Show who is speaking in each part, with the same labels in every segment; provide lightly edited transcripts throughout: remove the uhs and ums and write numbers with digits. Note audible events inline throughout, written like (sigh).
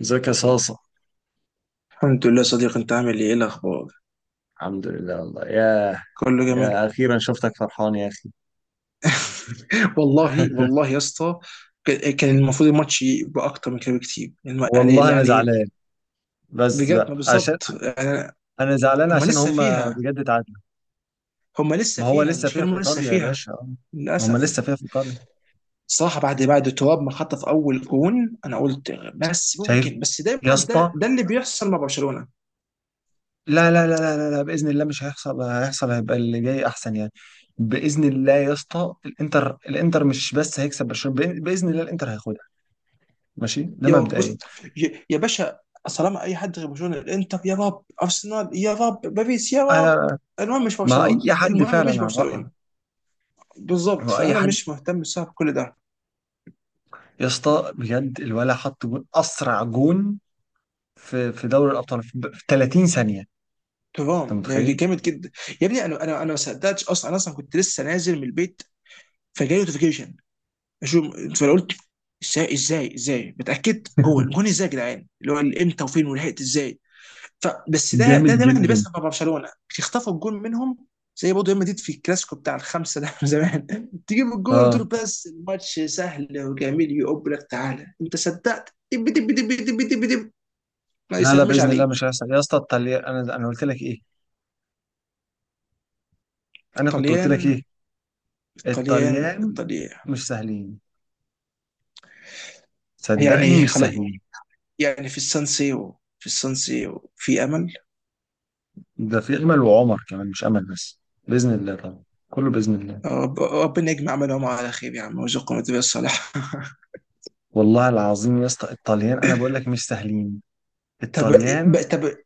Speaker 1: ازيك يا صاصة؟
Speaker 2: الحمد لله صديق، انت عامل ايه؟ ايه الاخبار؟
Speaker 1: الحمد لله والله. ياه،
Speaker 2: كله جميل.
Speaker 1: يا أخيرا شفتك فرحان يا أخي.
Speaker 2: (laughs) والله
Speaker 1: (laughs)
Speaker 2: والله يا اسطى. كان المفروض الماتش يبقى اكتر من كده بكتير. الم- يعني
Speaker 1: والله انا
Speaker 2: يعني
Speaker 1: زعلان بس
Speaker 2: بجد،
Speaker 1: بقى
Speaker 2: ما
Speaker 1: عشان
Speaker 2: بالظبط يعني.
Speaker 1: انا زعلان
Speaker 2: هم
Speaker 1: عشان
Speaker 2: لسه
Speaker 1: هم
Speaker 2: فيها،
Speaker 1: بجد اتعادلوا.
Speaker 2: هم لسه
Speaker 1: ما هو
Speaker 2: فيها.
Speaker 1: لسه
Speaker 2: مش
Speaker 1: فيها في
Speaker 2: كانوا لسه
Speaker 1: ايطاليا يا
Speaker 2: فيها؟
Speaker 1: باشا، آه، ما هم لسه
Speaker 2: للاسف.
Speaker 1: فيها في ايطاليا.
Speaker 2: صراحة بعد تراب ما خطف اول جون، انا قلت بس
Speaker 1: شايف
Speaker 2: ممكن، بس
Speaker 1: يا
Speaker 2: دايما
Speaker 1: اسطى،
Speaker 2: ده اللي بيحصل مع برشلونة.
Speaker 1: لا لا لا لا لا لا، باذن الله مش هيحصل، هيحصل هيبقى اللي جاي احسن يعني. باذن الله يا اسطى، الانتر مش بس هيكسب برشلونه، باذن الله الانتر هياخدها. ماشي، ده
Speaker 2: يا رب. بص،
Speaker 1: مبدئيا.
Speaker 2: يا باشا، طالما اي حد غير برشلونه، الانتر يا رب، ارسنال يا رب، باريس يا رب.
Speaker 1: انا
Speaker 2: المهم مش
Speaker 1: ما
Speaker 2: برشلونه،
Speaker 1: اي حد
Speaker 2: المهم
Speaker 1: فعلا
Speaker 2: مش
Speaker 1: على رايي،
Speaker 2: برشلونه. بالظبط،
Speaker 1: واي
Speaker 2: فانا
Speaker 1: حد.
Speaker 2: مش مهتم بسبب كل ده.
Speaker 1: يا اسطى بجد الولع، حط جون اسرع جون في دوري الابطال في 30 ثانيه. انت
Speaker 2: تمام.
Speaker 1: متخيل؟
Speaker 2: جامد جدا. يا ابني، انا ما صدقتش اصلا، انا اصلا كنت لسه نازل من البيت، فجاي نوتيفيكيشن اشوف، فانا قلت ازاي؟ ازاي بتاكد؟ جون ازاي يا جدعان؟ اللي هو امتى وفين ولحقت ازاي؟ ف بس ده
Speaker 1: جامد
Speaker 2: ده دايما اللي
Speaker 1: جدا.
Speaker 2: بيحصل مع برشلونه، بيخطفوا الجول منهم. زي برضه ريال مدريد في الكلاسيكو بتاع الخمسه ده من زمان. (laughs) تجيب الجول
Speaker 1: اه.
Speaker 2: وتقول بس الماتش سهل وجميل، يقب لك تعالى انت صدقت؟ دب دب دب دب دب دب. ما
Speaker 1: لا لا،
Speaker 2: يسميش
Speaker 1: باذن الله مش
Speaker 2: عليك.
Speaker 1: هيحصل يا اسطى، الطليان، انا قلت لك ايه؟ انا كنت قلت لك
Speaker 2: الطليان،
Speaker 1: ايه؟
Speaker 2: الطليان،
Speaker 1: الطليان
Speaker 2: الطليان.
Speaker 1: مش سهلين، صدقني
Speaker 2: يعني
Speaker 1: مش
Speaker 2: خلاص،
Speaker 1: سهلين.
Speaker 2: يعني في السان سيرو، في السان سيرو في امل.
Speaker 1: ده في امل، وعمر كمان، مش امل بس، باذن الله طبعا، كله باذن الله.
Speaker 2: ربنا يجمع عملهم على خير يا عم ويرزقهم التوفيق الصالح.
Speaker 1: والله العظيم يا اسطى الطليان انا بقول لك مش سهلين.
Speaker 2: (laughs) طب.
Speaker 1: الطليان.
Speaker 2: طب.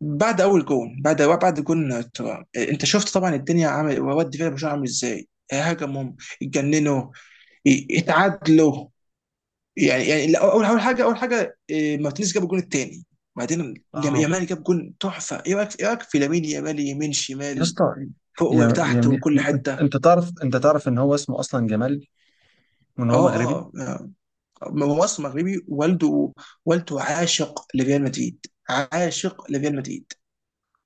Speaker 2: بعد اول جون، بعد جون ترام، انت شفت طبعا الدنيا؟ عامل واد فيلا برشلونه عامل ازاي؟ هاجموا، اتجننوا، اتعادلوا. يعني لا، اول حاجه إيه، مارتينيز جاب الجون الثاني. بعدين
Speaker 1: اه.
Speaker 2: يامال جاب جون تحفه. ايه رايك في لامين يامال؟ يمين
Speaker 1: يا
Speaker 2: شمال،
Speaker 1: اسطى،
Speaker 2: فوق
Speaker 1: يا يا
Speaker 2: وتحت
Speaker 1: مي-
Speaker 2: وكل
Speaker 1: انت
Speaker 2: حته.
Speaker 1: تعرف، انت تعرف ان هو اسمه اصلا جمال، وان هو
Speaker 2: اه،
Speaker 1: مغربي.
Speaker 2: اه، آه. هو اصلا مغربي. والده عاشق لريال مدريد، عاشق لريال مدريد.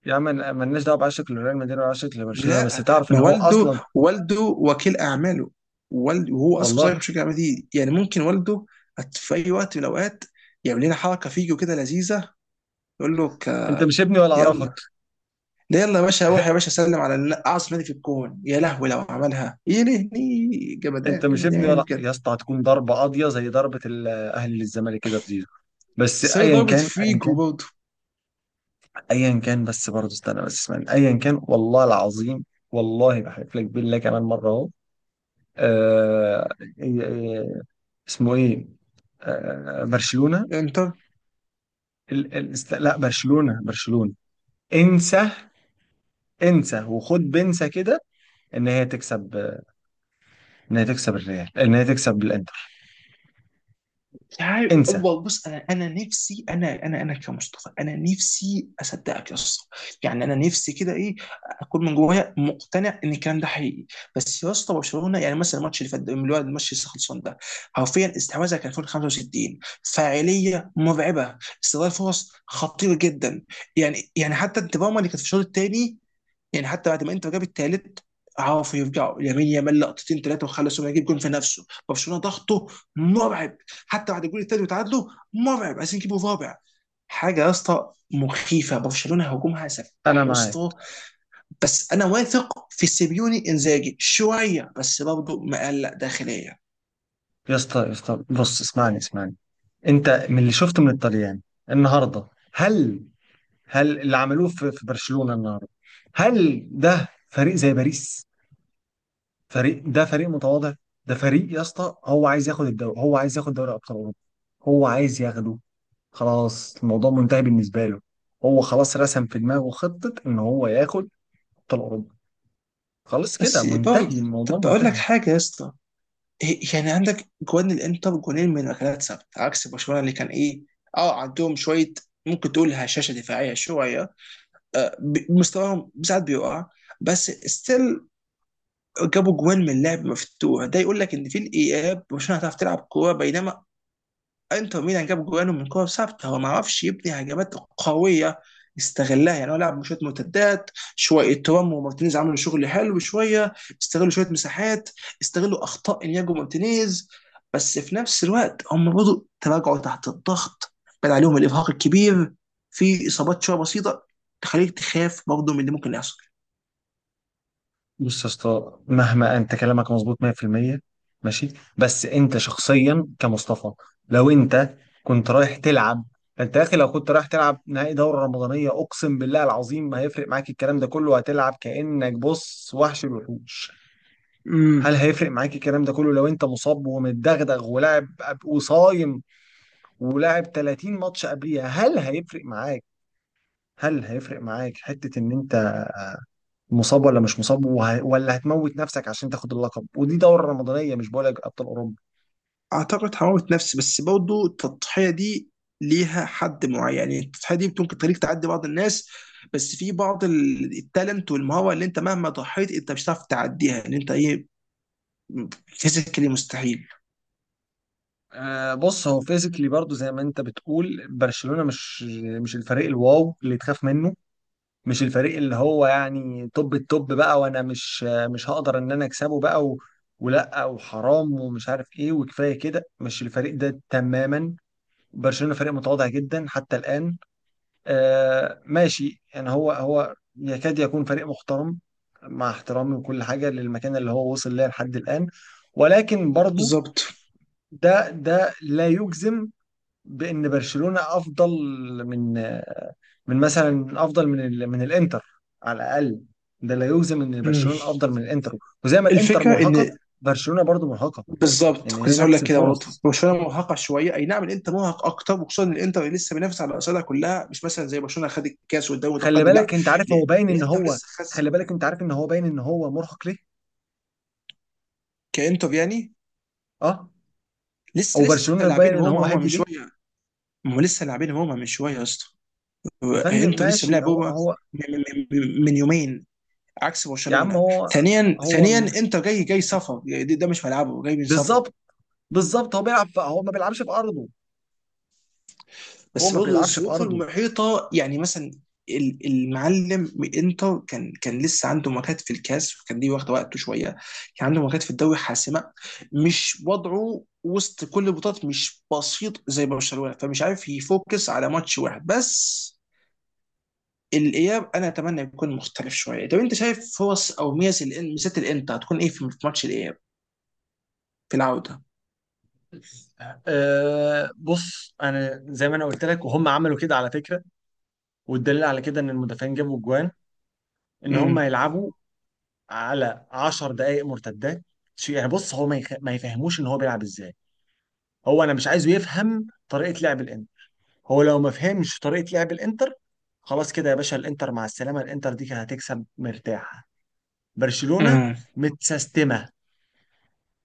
Speaker 1: يا عم، مالناش دعوه بعشق لريال مدريد ولا عشق لبرشلونه، بس
Speaker 2: لا،
Speaker 1: تعرف ان
Speaker 2: ما
Speaker 1: هو اصلا،
Speaker 2: والده وكيل اعماله. والد وهو اصلا
Speaker 1: والله.
Speaker 2: صغير في شركه الاعمال دي، يعني ممكن والده في اي وقت من الاوقات يعمل لنا حركه فيجو كده لذيذه، يقول له
Speaker 1: انت مش ابني ولا
Speaker 2: يلا.
Speaker 1: اعرفك.
Speaker 2: لا يلا يا باشا، روح يا
Speaker 1: (laughs)
Speaker 2: باشا سلم على اعظم نادي في الكون. يا لهوي لو عملها! ايه؟ ليه؟
Speaker 1: انت
Speaker 2: جمدان
Speaker 1: مش ابني
Speaker 2: جمدان
Speaker 1: ولا
Speaker 2: بجد.
Speaker 1: يا اسطى. هتكون ضربه قاضيه زي ضربه الاهلي للزمالك كده في زيزو. بس
Speaker 2: زي
Speaker 1: ايا
Speaker 2: ضربة
Speaker 1: كان، ايا
Speaker 2: فيجو
Speaker 1: كان،
Speaker 2: برضه
Speaker 1: ايا كان، بس برضه استنى بس اسمعني، ايا كان والله العظيم، والله بحلف لك بالله كمان مره اهو. آه... إيه- إيه- اسمه ايه؟ برشلونه.
Speaker 2: يعني.
Speaker 1: لا، برشلونة، برشلونة. انسى. انسى وخد بنسى كده ان هي تكسب، ان هي تكسب الريال، ان هي تكسب الانتر.
Speaker 2: مش عارف
Speaker 1: انسى.
Speaker 2: والله. بص، انا، انا نفسي انا انا انا كمصطفى، انا نفسي اصدقك يا اسطى. يعني انا نفسي كده، ايه، اكون من جوايا مقتنع ان الكلام ده حقيقي. بس يا اسطى، برشلونه، يعني مثلا الماتش اللي فات ده، اللي هو الماتش اللي لسه خلصان ده، حرفيا استحواذها كان فوق ال 65. فاعليه مرعبه، استغلال فرص خطير جدا. يعني حتى انت اللي كانت في الشوط الثاني، يعني حتى بعد ما انتر جاب الثالث، عرفوا يرجعوا. لامين يامال لقطتين ثلاثه وخلصوا يجيب جون في نفسه. برشلونه ضغطه مرعب، حتى بعد الجول الثالث وتعادلوا، مرعب، عايزين يجيبوا رابع. حاجه يا اسطى مخيفه، برشلونه هجومها
Speaker 1: انا
Speaker 2: سفاح يا
Speaker 1: معاك.
Speaker 2: اسطى. بس انا واثق في سيبيوني انزاجي شويه، بس برضه مقلق داخليا.
Speaker 1: يا اسطى، يا اسطى، بص اسمعني، اسمعني. انت من اللي شفته من الطليان النهارده، هل، هل اللي عملوه في برشلونة النهارده، هل ده فريق زي باريس؟ فريق، ده فريق متواضع. ده فريق يا اسطى هو عايز ياخد الدوري، هو عايز ياخد دوري ابطال اوروبا. هو عايز ياخده، خلاص الموضوع منتهي بالنسبة له. هو خلاص رسم في دماغه خطة إن هو ياخد أبطال أوروبا. خلاص كده
Speaker 2: بس
Speaker 1: منتهي،
Speaker 2: برضه،
Speaker 1: الموضوع
Speaker 2: طب بقول لك
Speaker 1: منتهي.
Speaker 2: حاجه يا اسطى، يعني عندك جوان الانتر، جونين من ركلات ثابته عكس برشلونه اللي كان، ايه، اه، عندهم شويه ممكن تقول هشاشه دفاعيه شويه، مستواهم ساعات بيقع. بس ستيل جابوا جوان من لعب مفتوح، ده يقول لك ان في الاياب برشلونه هتعرف تلعب كوره، بينما انتر ميلان جاب جوانه من كور ثابته، هو ما عرفش يبني هجمات قويه، استغلها. يعني هو لعب شويه مرتدات، شويه ترام ومارتينيز عملوا شغل حلو، شويه استغلوا شويه مساحات، استغلوا اخطاء انياجو مارتينيز. بس في نفس الوقت هم برضه تراجعوا تحت الضغط، بان عليهم الارهاق الكبير، في اصابات شويه بسيطه، تخليك تخاف برضه من اللي ممكن يحصل.
Speaker 1: بص يا اسطى، مهما أنت كلامك مظبوط 100%، ماشي، بس أنت شخصيا كمصطفى، لو أنت كنت رايح تلعب، أنت يا أخي لو كنت رايح تلعب نهائي دورة رمضانية، أقسم بالله العظيم ما هيفرق معاك الكلام ده كله، هتلعب كأنك بص وحش الوحوش.
Speaker 2: امم
Speaker 1: هل هيفرق معاك الكلام ده كله لو انت مصاب ومتدغدغ ولاعب وصايم ولعب 30 ماتش قبليها؟ هل هيفرق معاك؟ هل هيفرق معاك حتة ان انت مصاب ولا مش مصاب ولا هتموت نفسك عشان تاخد اللقب؟ ودي دورة رمضانية، مش بقولك ابطال اوروبا.
Speaker 2: اعتقد حراره نفس، بس برضه التضحيه دي ليها حد معين. يعني التضحيه دي ممكن تخليك تعدي بعض الناس، بس في بعض التالنت والمهاره اللي انت مهما ضحيت انت مش هتعرف تعديها، ان انت ايه، فيزيكالي مستحيل.
Speaker 1: آه بص، هو فيزيكلي برضو زي ما انت بتقول، برشلونة مش، مش الفريق الواو اللي تخاف منه، مش الفريق اللي هو يعني توب التوب بقى وانا مش هقدر ان انا اكسبه بقى ولا وحرام ومش عارف ايه وكفايه كده، مش الفريق ده تماما. برشلونة فريق متواضع جدا حتى الآن. آه ماشي، يعني هو يكاد يكون فريق محترم، مع احترامي وكل حاجة، للمكان اللي هو وصل ليه لحد الآن، ولكن برضو
Speaker 2: بالظبط.
Speaker 1: ده، لا يجزم بأن برشلونة أفضل من، آه، من مثلا أفضل من من الإنتر على الأقل. ده لا يجزم إن
Speaker 2: مم.
Speaker 1: برشلونة أفضل من الإنتر. وزي ما الإنتر
Speaker 2: الفكره
Speaker 1: مرهقة،
Speaker 2: ان،
Speaker 1: برشلونة برضو مرهقة.
Speaker 2: بالظبط،
Speaker 1: يعني
Speaker 2: كنت
Speaker 1: هي
Speaker 2: لسه هقول
Speaker 1: نفس
Speaker 2: لك كده برضه.
Speaker 1: الفرص.
Speaker 2: برشلونه مرهقه شويه، اي نعم الانتر مرهق اكتر، وخصوصا ان الانتر لسه بينافس على الاصابع كلها، مش مثلا زي برشلونه خد الكاس والدوري
Speaker 1: خلي
Speaker 2: متقدم. لا،
Speaker 1: بالك أنت عارف، هو باين إن
Speaker 2: الانتر
Speaker 1: هو،
Speaker 2: لسه
Speaker 1: خلي
Speaker 2: خس،
Speaker 1: بالك أنت عارف إن هو باين إن هو مرهق ليه؟
Speaker 2: كانتر يعني.
Speaker 1: أه. او
Speaker 2: لسه
Speaker 1: برشلونه باين
Speaker 2: لاعبين،
Speaker 1: ان
Speaker 2: هما
Speaker 1: هو
Speaker 2: هما من
Speaker 1: هادي ليه.
Speaker 2: شويه. ما هو لسه لاعبين هما من شويه يا اسطى.
Speaker 1: يا فندم
Speaker 2: انتوا لسه
Speaker 1: ماشي،
Speaker 2: ملاعب هما
Speaker 1: هو.
Speaker 2: من, من يومين عكس
Speaker 1: يا عم
Speaker 2: برشلونه.
Speaker 1: هو،
Speaker 2: ثانيا
Speaker 1: هو
Speaker 2: ثانيا
Speaker 1: م-
Speaker 2: انت جاي سفر يعني، ده مش ملعبه، جاي من سفر.
Speaker 1: بالظبط، بالظبط. هو بيلعب في، هو ما بيلعبش في ارضه، هو
Speaker 2: بس
Speaker 1: ما
Speaker 2: برضه
Speaker 1: بيلعبش في
Speaker 2: الظروف
Speaker 1: ارضه.
Speaker 2: المحيطه، يعني مثلا المعلم من انتر كان لسه عنده ماتشات في الكاس وكان دي واخده وقته شويه، كان عنده ماتشات في الدوري حاسمه. مش وضعه وسط كل البطولات مش بسيط زي برشلونه، فمش عارف يفوكس على ماتش واحد بس. الاياب انا اتمنى يكون مختلف شويه. طب انت شايف فرص او ميزه الان؟ ميزات الانتر هتكون ايه في في ماتش الاياب، في العوده؟
Speaker 1: أه بص، انا زي ما انا قلت لك، وهم عملوا كده على فكره، والدليل على كده ان المدافعين جابوا جوان، ان هم
Speaker 2: امم.
Speaker 1: يلعبوا على 10 دقائق مرتدات. يعني بص، هو ما يخ... ما يفهموش ان هو بيلعب ازاي. هو انا مش عايزه يفهم طريقه لعب الانتر. هو لو ما فهمش طريقة لعب الانتر، خلاص كده يا باشا، الانتر مع السلامة. الانتر دي كانت هتكسب مرتاحة. برشلونة
Speaker 2: امم.
Speaker 1: متسستمة،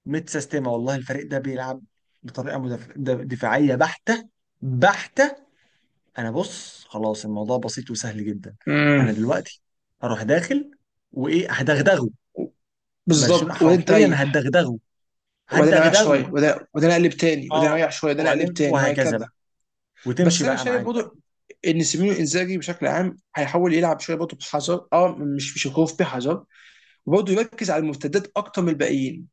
Speaker 1: متسستمة والله. الفريق ده بيلعب بطريقة دفاعية بحتة، بحتة. انا بص، خلاص الموضوع بسيط وسهل جدا.
Speaker 2: امم.
Speaker 1: انا دلوقتي هروح داخل وايه، هدغدغه. برشلونة
Speaker 2: بالظبط، وبعدين
Speaker 1: حرفيا
Speaker 2: تريح،
Speaker 1: هدغدغه،
Speaker 2: وبعدين اريح
Speaker 1: هدغدغه.
Speaker 2: شويه، وبعدين اقلب تاني، وبعدين
Speaker 1: اه.
Speaker 2: اريح شويه، وبعدين اقلب
Speaker 1: وبعدين
Speaker 2: تاني،
Speaker 1: وهكذا
Speaker 2: وهكذا.
Speaker 1: بقى، وتمشي
Speaker 2: بس انا
Speaker 1: بقى
Speaker 2: شايف
Speaker 1: معاك.
Speaker 2: برضه ان سيميوني انزاجي بشكل عام هيحاول يلعب شويه برضه بحذر، اه مش بشكوف بحذر، وبرضه يركز على المرتدات اكتر من الباقيين.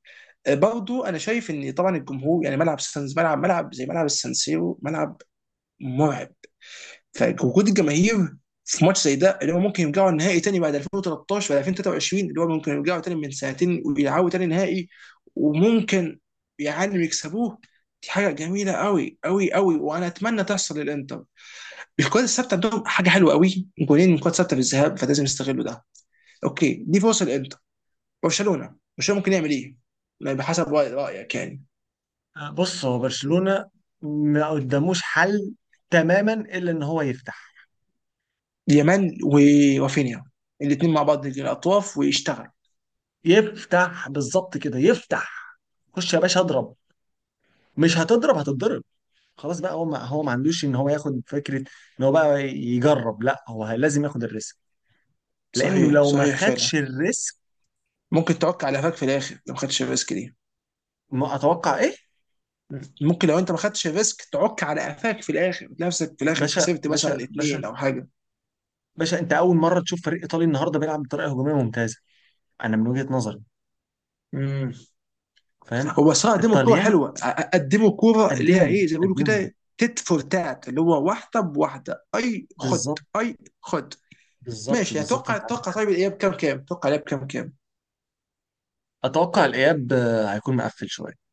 Speaker 2: برضه انا شايف ان طبعا الجمهور، يعني ملعب سانز ملعب، ملعب زي ملعب السانسيرو، ملعب مرعب، فوجود الجماهير في ماتش زي ده اللي هو ممكن يرجعوا النهائي تاني بعد 2013 ولا 2023، اللي هو ممكن يرجعوا تاني من سنتين ويلعبوا تاني نهائي وممكن، يعلم، يكسبوه. دي حاجه جميله قوي قوي قوي، وانا اتمنى تحصل للانتر. الكرات الثابته عندهم حاجه حلوه قوي، جولين من كرات ثابته في الذهاب، فلازم يستغلوا ده. اوكي، دي فرصه للانتر. برشلونه، برشلونه ممكن يعمل ايه؟ بحسب رايك يعني.
Speaker 1: آه، بص هو برشلونة ما قداموش حل تماما الا ان هو يفتح.
Speaker 2: يمان ورافينيا، الاثنين مع بعض، يجي الاطراف ويشتغل.
Speaker 1: يفتح بالظبط كده، يفتح. خش يا باشا اضرب، مش هتضرب، هتتضرب. خلاص بقى، هو ما عندوش ان هو ياخد فكرة ان هو بقى يجرب، لا هو لازم ياخد الريسك، لانه
Speaker 2: صحيح،
Speaker 1: لو ما
Speaker 2: صحيح فعلا.
Speaker 1: خدش الريسك،
Speaker 2: ممكن تعك على قفاك في الاخر لو ما خدتش الريسك دي.
Speaker 1: ما اتوقع ايه.
Speaker 2: ممكن لو انت ما خدتش الريسك تعك على قفاك في الاخر، نفسك في الاخر
Speaker 1: باشا،
Speaker 2: خسرت
Speaker 1: باشا،
Speaker 2: مثلا
Speaker 1: باشا،
Speaker 2: اتنين او حاجه.
Speaker 1: باشا، انت اول مرة تشوف فريق ايطالي النهاردة بيلعب بطريقة هجومية ممتازة، انا من وجهة نظري.
Speaker 2: امم.
Speaker 1: فاهم.
Speaker 2: هو صراحه قدموا كوره
Speaker 1: الطليان
Speaker 2: حلوه، قدموا كوره اللي هي،
Speaker 1: قدموا،
Speaker 2: ايه، زي ما بيقولوا
Speaker 1: قدموا،
Speaker 2: كده، تيت فور تات، اللي هو واحده بواحده اي خد
Speaker 1: بالظبط،
Speaker 2: اي خد.
Speaker 1: بالظبط،
Speaker 2: ماشي.
Speaker 1: بالظبط،
Speaker 2: اتوقع
Speaker 1: انت عندك
Speaker 2: اتوقع
Speaker 1: حق.
Speaker 2: طيب الاياب كام كام؟ اتوقع الاياب كام كام؟
Speaker 1: اتوقع الاياب، آه، هيكون مقفل شويه.